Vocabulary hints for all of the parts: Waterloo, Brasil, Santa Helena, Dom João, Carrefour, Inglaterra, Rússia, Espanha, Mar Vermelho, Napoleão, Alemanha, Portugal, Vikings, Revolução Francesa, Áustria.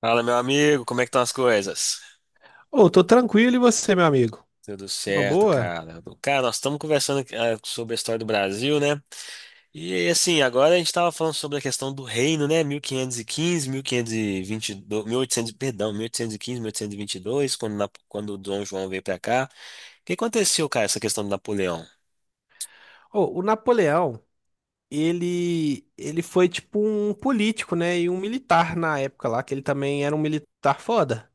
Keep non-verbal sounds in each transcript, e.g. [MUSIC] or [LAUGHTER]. Fala, meu amigo, como é que estão as coisas? Ô, tô tranquilo e você, meu amigo? Tudo Uma certo, boa? cara. Cara, nós estamos conversando aqui, sobre a história do Brasil, né? E assim, agora a gente estava falando sobre a questão do reino, né? Mil quinhentos e quinze, mil quinhentos e vinte e quinze, 1515, 1522, oitocentos, perdão, mil oitocentos e quinze, 1815, e 1822, quando quando o Dom João veio para cá. O que aconteceu, cara, essa questão do Napoleão? Ô, o Napoleão, ele foi tipo um político, né, e um militar na época lá, que ele também era um militar foda.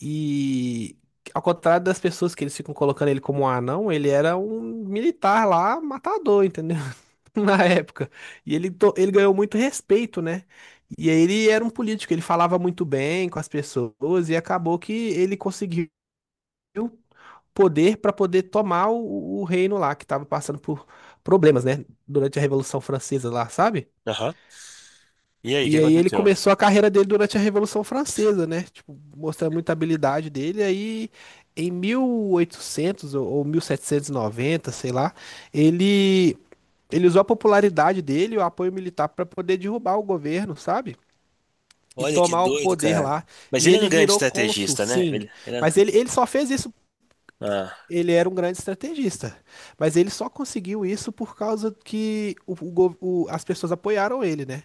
E ao contrário das pessoas que eles ficam colocando ele como um anão, ele era um militar lá, matador, entendeu? [LAUGHS] Na época. E ele ganhou muito respeito, né? E aí ele era um político, ele falava muito bem com as pessoas e acabou que ele conseguiu poder para poder tomar o reino lá, que estava passando por problemas, né? Durante a Revolução Francesa lá, sabe? Aham. E aí, o que E aí ele aconteceu? começou a carreira dele durante a Revolução Francesa, né? Tipo, mostrando muita habilidade dele. Aí em 1800 ou 1790, sei lá, ele ele usou a popularidade dele e o apoio militar para poder derrubar o governo, sabe? E Olha que tomar o doido, poder cara. lá. Mas E ele era ele um grande virou cônsul, estrategista, né? sim. Ele Mas era... ele só fez isso. Ah, Ele era um grande estrategista, mas ele só conseguiu isso por causa que as pessoas apoiaram ele, né?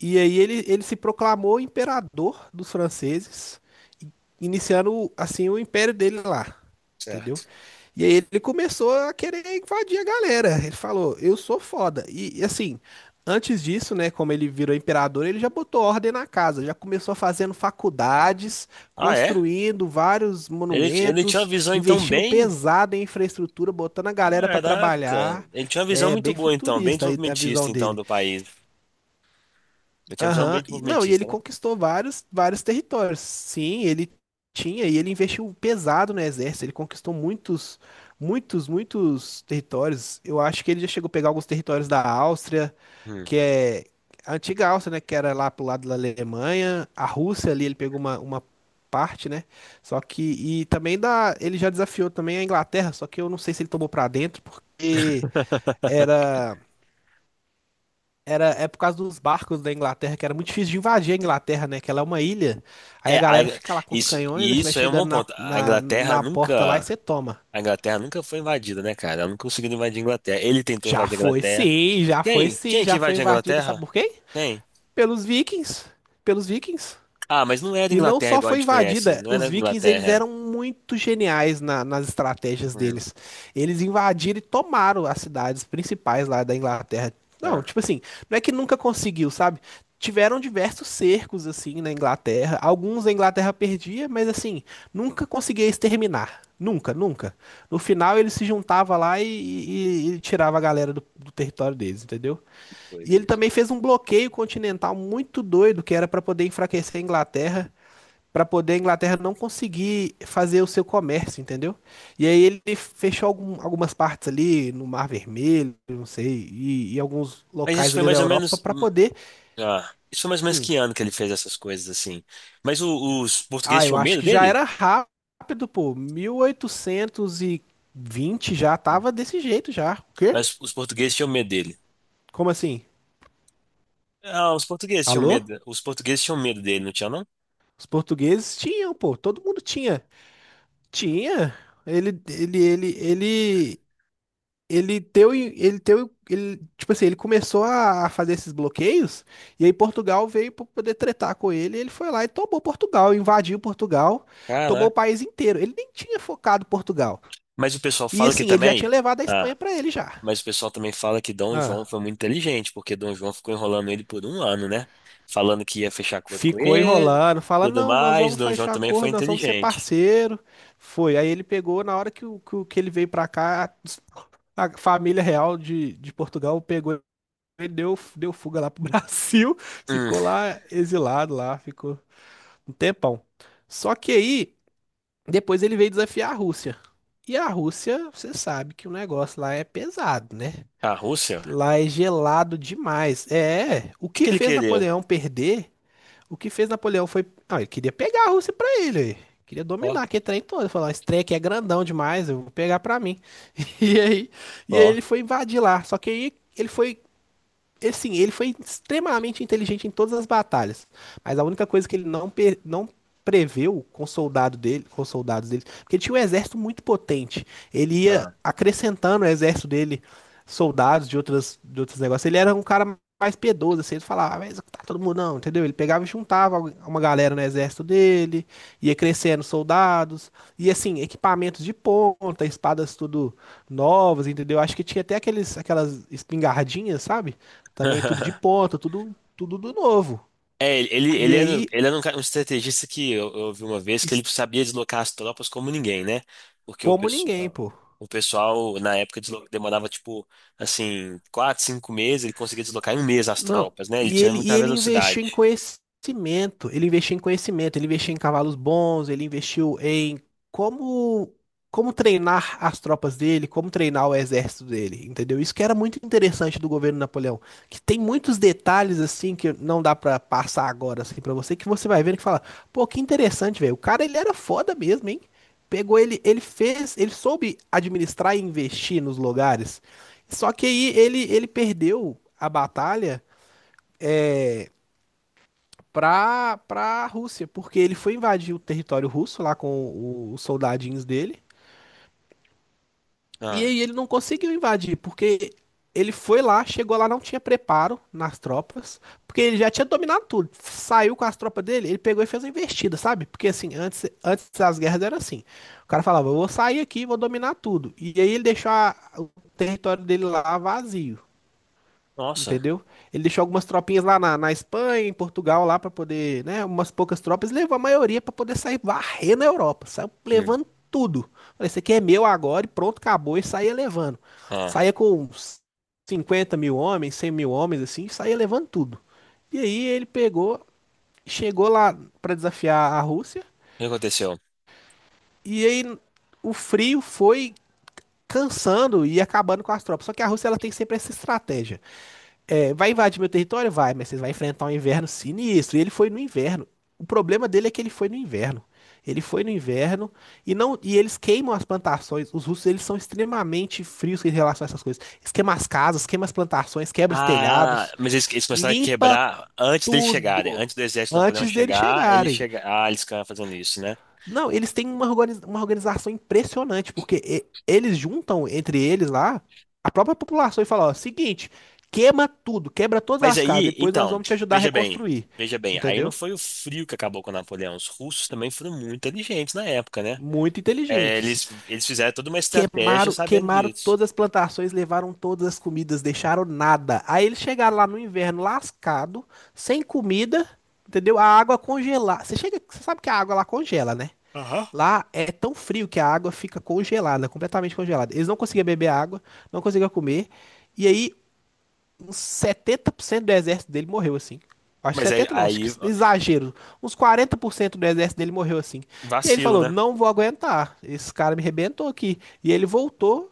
E aí ele se proclamou imperador dos franceses, i- iniciando assim o império dele lá, entendeu? certo. E aí ele começou a querer invadir a galera. Ele falou: "Eu sou foda". Assim, antes disso, né, como ele virou imperador, ele já botou ordem na casa, já começou fazendo faculdades, Ah, é? construindo vários Ele tinha uma monumentos, visão então investindo bem. pesado em infraestrutura, botando a galera pra Caraca, trabalhar. ele tinha uma visão É muito bem boa então, bem futurista aí a desenvolvimentista visão então dele. do país. Ele tinha uma visão bem Aham, não, e ele desenvolvimentista, né? conquistou vários territórios. Sim, ele tinha e ele investiu pesado no exército. Ele conquistou muitos territórios. Eu acho que ele já chegou a pegar alguns territórios da Áustria, Hum. que é a antiga Áustria, né? Que era lá pro lado da Alemanha. A Rússia ali, ele pegou uma parte, né? Só que. E também da. Ele já desafiou também a Inglaterra, só que eu não sei se ele tomou pra dentro, porque [LAUGHS] era. Era, é por causa dos barcos da Inglaterra, que era muito difícil de invadir a Inglaterra, né? Que ela é uma ilha. Aí a É, galera fica lá com os isso, canhões, aí e você vai isso é um bom chegando na, ponto. A na, Inglaterra na porta lá e nunca, você toma. a Inglaterra nunca foi invadida, né, cara? Ela não conseguiu invadir a Inglaterra. Ele tentou invadir a Inglaterra. Quem? Quem que Já foi invadiu a invadida, sabe Inglaterra? por quê? Quem? Pelos vikings. Pelos vikings. Ah, mas não era E não Inglaterra só igual a foi gente conhece. invadida, Não era os vikings eles Inglaterra. eram muito geniais nas estratégias Hum. deles. Eles invadiram e tomaram as cidades principais lá da Inglaterra. Não, Ah, tipo assim, não é que nunca conseguiu, sabe? Tiveram diversos cercos assim na Inglaterra. Alguns a Inglaterra perdia, mas assim, nunca conseguia exterminar. Nunca, nunca. No final ele se juntava lá e tirava a galera do território deles, entendeu? E doido ele isso. também fez um bloqueio continental muito doido, que era para poder enfraquecer a Inglaterra. Pra poder a Inglaterra não conseguir fazer o seu comércio, entendeu? E aí ele fechou algumas partes ali no Mar Vermelho, não sei, e alguns Mas isso locais foi ali da mais ou Europa menos, pra poder. ah, isso foi mais ou menos que ano que ele fez essas coisas assim. Mas os Ah, portugueses eu tinham acho medo que já dele? era rápido, pô. 1820 já Hum. tava desse jeito já. O quê? Mas os portugueses tinham medo dele. Como assim? Ah, os portugueses tinham Alô? medo. Os portugueses tinham medo dele, não tinha não? Os portugueses tinham, pô. Todo mundo tinha. Tinha. Ele, ele, ele, ele Ele teu, ele teu, ele, tipo assim, ele começou a fazer esses bloqueios, e aí Portugal veio para poder tretar com ele, e ele foi lá e tomou Portugal, invadiu Portugal, tomou o Caraca. país inteiro. Ele nem tinha focado Portugal. Mas o pessoal E fala que assim, ele já tinha também. levado a Espanha Ah, para ele já. mas o pessoal também fala que Dom João Ah, foi muito inteligente, porque Dom João ficou enrolando ele por um ano, né? Falando que ia fechar acordo com ficou ele, enrolando, fala tudo não, nós mais. vamos Dom João fechar também foi acordo, nós vamos ser inteligente. parceiro. Foi. Aí ele pegou, na hora que ele veio para cá, a família real de Portugal pegou. Ele deu fuga lá pro Brasil, [LAUGHS] Hum, ficou lá exilado lá, ficou um tempão. Só que aí, depois ele veio desafiar a Rússia. E a Rússia, você sabe que o negócio lá é pesado, né? a Rússia? O Lá é gelado demais. É, que que ele queria? O que fez Napoleão foi. Ah, ele queria pegar a Rússia pra ele. Aí. Queria Ó, dominar aquele trem todo. Falar, esse trem aqui é grandão demais, eu vou pegar pra mim. [LAUGHS] E aí, e aí, ó. ele foi invadir lá. Só que aí ele foi assim, ele foi extremamente inteligente em todas as batalhas, mas a única coisa que ele não, pe- não preveu com os soldados dele, porque ele tinha um exército muito potente. Ele ia Ah. acrescentando o exército dele soldados de outros negócios. Ele era um cara mais piedoso, assim, ele falava, "Ah, vai executar todo mundo não, entendeu? Ele pegava e juntava uma galera no exército dele, ia crescendo soldados, e assim, equipamentos de ponta, espadas tudo novas, entendeu? Acho que tinha até aqueles aquelas espingardinhas, sabe? Também tudo de [LAUGHS] ponta, tudo do novo. É, ele, E ele, aí, era, ele era um, cara- um estrategista que eu vi uma vez que es- ele sabia deslocar as tropas como ninguém, né? Porque o como ninguém, pessoal, pô. o pessoal na época demorava tipo assim 4, 5 meses, ele conseguia deslocar em um mês as Não, tropas, né? Ele tinha e muita ele investiu em velocidade. conhecimento, ele investiu em conhecimento, ele investiu em cavalos bons, ele investiu em como, como treinar as tropas dele, como treinar o exército dele, entendeu? Isso que era muito interessante do governo Napoleão, que tem muitos detalhes assim que não dá pra passar agora assim para você, que você vai vendo que fala, pô, que interessante, velho. O cara ele era foda mesmo, hein? Pegou ele, ele fez, ele soube administrar e investir nos lugares. Só que aí ele perdeu a batalha pra Rússia, porque ele foi invadir o território russo lá com os soldadinhos dele. E Ah, aí ele não conseguiu invadir, porque ele foi lá, chegou lá, não tinha preparo nas tropas, porque ele já tinha dominado tudo. Saiu com as tropas dele, ele pegou e fez uma investida, sabe? Porque assim, antes das guerras era assim. O cara falava, eu vou sair aqui, vou dominar tudo. E aí ele deixou o território dele lá vazio. nossa. Entendeu? Ele deixou algumas tropinhas lá na Espanha, em Portugal, lá pra poder, né? Umas poucas tropas, levou a maioria pra poder sair varrendo na Europa. Saiu Hum. levando tudo. Falei, isso aqui é meu agora e pronto, acabou. E saía levando. Ah, Saía com uns 50 mil homens, 100 mil homens, assim, saía levando tudo. E aí ele pegou, chegou lá pra desafiar a Rússia. o que aconteceu? E aí o frio foi cansando e acabando com as tropas. Só que a Rússia ela tem sempre essa estratégia. É, vai invadir meu território? Vai, mas vocês vão enfrentar um inverno sinistro. E ele foi no inverno. O problema dele é que ele foi no inverno. Ele foi no inverno e não e eles queimam as plantações. Os russos eles são extremamente frios em relação a essas coisas. Eles queimam as casas, queimam as plantações, quebra os Ah, telhados, mas eles começaram a limpa quebrar antes deles chegarem, tudo antes do exército de Napoleão antes deles chegar, ele chegarem. chega, eles ficaram fazendo isso, né? Não, eles têm uma uma organização impressionante, porque eles juntam entre eles lá a própria população e falam, ó, seguinte, queima tudo, quebra todas Mas as casas, aí, depois nós então, vamos te ajudar a veja bem, reconstruir. veja bem, aí não Entendeu? foi o frio que acabou com Napoleão. Os russos também foram muito inteligentes na época, né? Muito É, inteligentes. eles fizeram toda uma estratégia sabendo Queimaram disso. todas as plantações, levaram todas as comidas, deixaram nada. Aí eles chegaram lá no inverno lascado, sem comida, entendeu? A água congelar. Você chega, você sabe que a água lá congela, né? Aham. Lá é tão frio que a água fica congelada, completamente congelada. Eles não conseguiam beber água, não conseguiam comer. E aí, uns 70% do exército dele morreu assim. Acho que Mas aí, 70 não, acho que aí exagero. Uns 40% do exército dele morreu assim. E aí ele vacilo, falou: né? não vou aguentar, esse cara me rebentou aqui. E ele voltou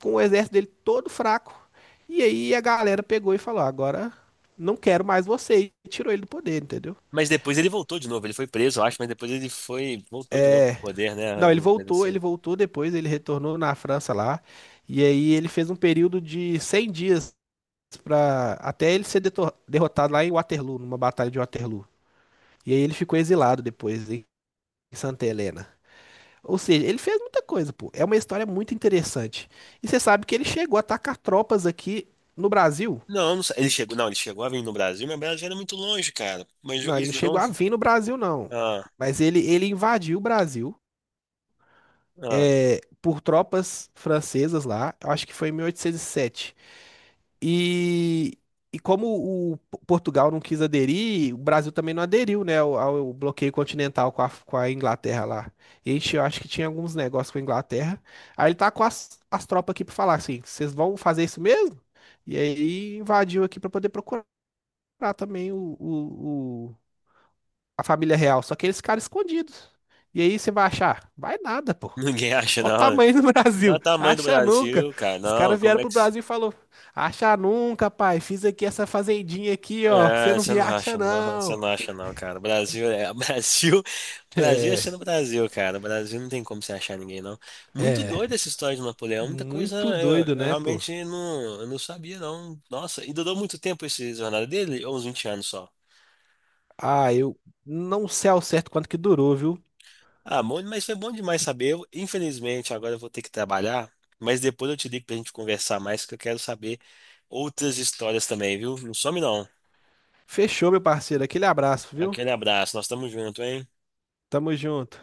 com o exército dele todo fraco. E aí a galera pegou e falou: agora não quero mais você. E tirou ele do poder, entendeu? Mas depois ele voltou de novo, ele foi preso, eu acho, mas depois ele foi, voltou de novo pro poder, né? Não, Uma coisa ele assim. voltou depois, ele retornou na França lá, e aí ele fez um período de 100 dias para até ele ser derrotado lá em Waterloo, numa batalha de Waterloo. E aí ele ficou exilado depois em Santa Helena. Ou seja, ele fez muita coisa, pô. É uma história muito interessante. E você sabe que ele chegou a atacar tropas aqui no Brasil? Não, não sei. Ele chegou, não, ele chegou a vir no Brasil, mas o Brasil era muito longe, cara. Mas Não, ele eles não não. chegou a vir no Brasil, não. Ah, Mas ele invadiu o Brasil ah, é, por tropas francesas lá, eu acho que foi em 1807. E, e como o Portugal não quis aderir, o Brasil também não aderiu, né, ao bloqueio continental com a Inglaterra lá. E a gente, eu acho que tinha alguns negócios com a Inglaterra. Aí ele tá com as, as tropas aqui pra falar assim: vocês vão fazer isso mesmo? E aí invadiu aqui pra poder procurar também a família real. Só que eles ficaram escondidos. E aí você vai achar? Vai nada, pô. Ninguém [LAUGHS] acha, Olha o não, né? tamanho do [LAUGHS] Dá o Brasil. tamanho do Acha nunca. Brasil, cara. Os Não, caras vieram como é pro que. Brasil e falou: acha nunca, pai. Fiz aqui essa fazendinha aqui, ó. Você É, não você me não acha, acha não, você não. não acha não, cara. Brasil é [LAUGHS] Brasil, Brasil é sendo Brasil, cara. Brasil não tem como você achar ninguém não. Muito doida essa história de Napoleão, muita coisa Muito eu, doido, eu né, pô? realmente não, eu não sabia não. Nossa, e durou muito tempo esse jornada dele, ou uns 20 anos só. Ah, eu não sei ao certo quanto que durou, viu? Ah, bom, mas foi bom demais saber. Infelizmente, agora eu vou ter que trabalhar, mas depois eu te ligo pra gente conversar mais, que eu quero saber outras histórias também, viu? Não some não. Fechou, meu parceiro. Aquele abraço, viu? Aquele abraço, nós estamos juntos, hein? Tamo junto.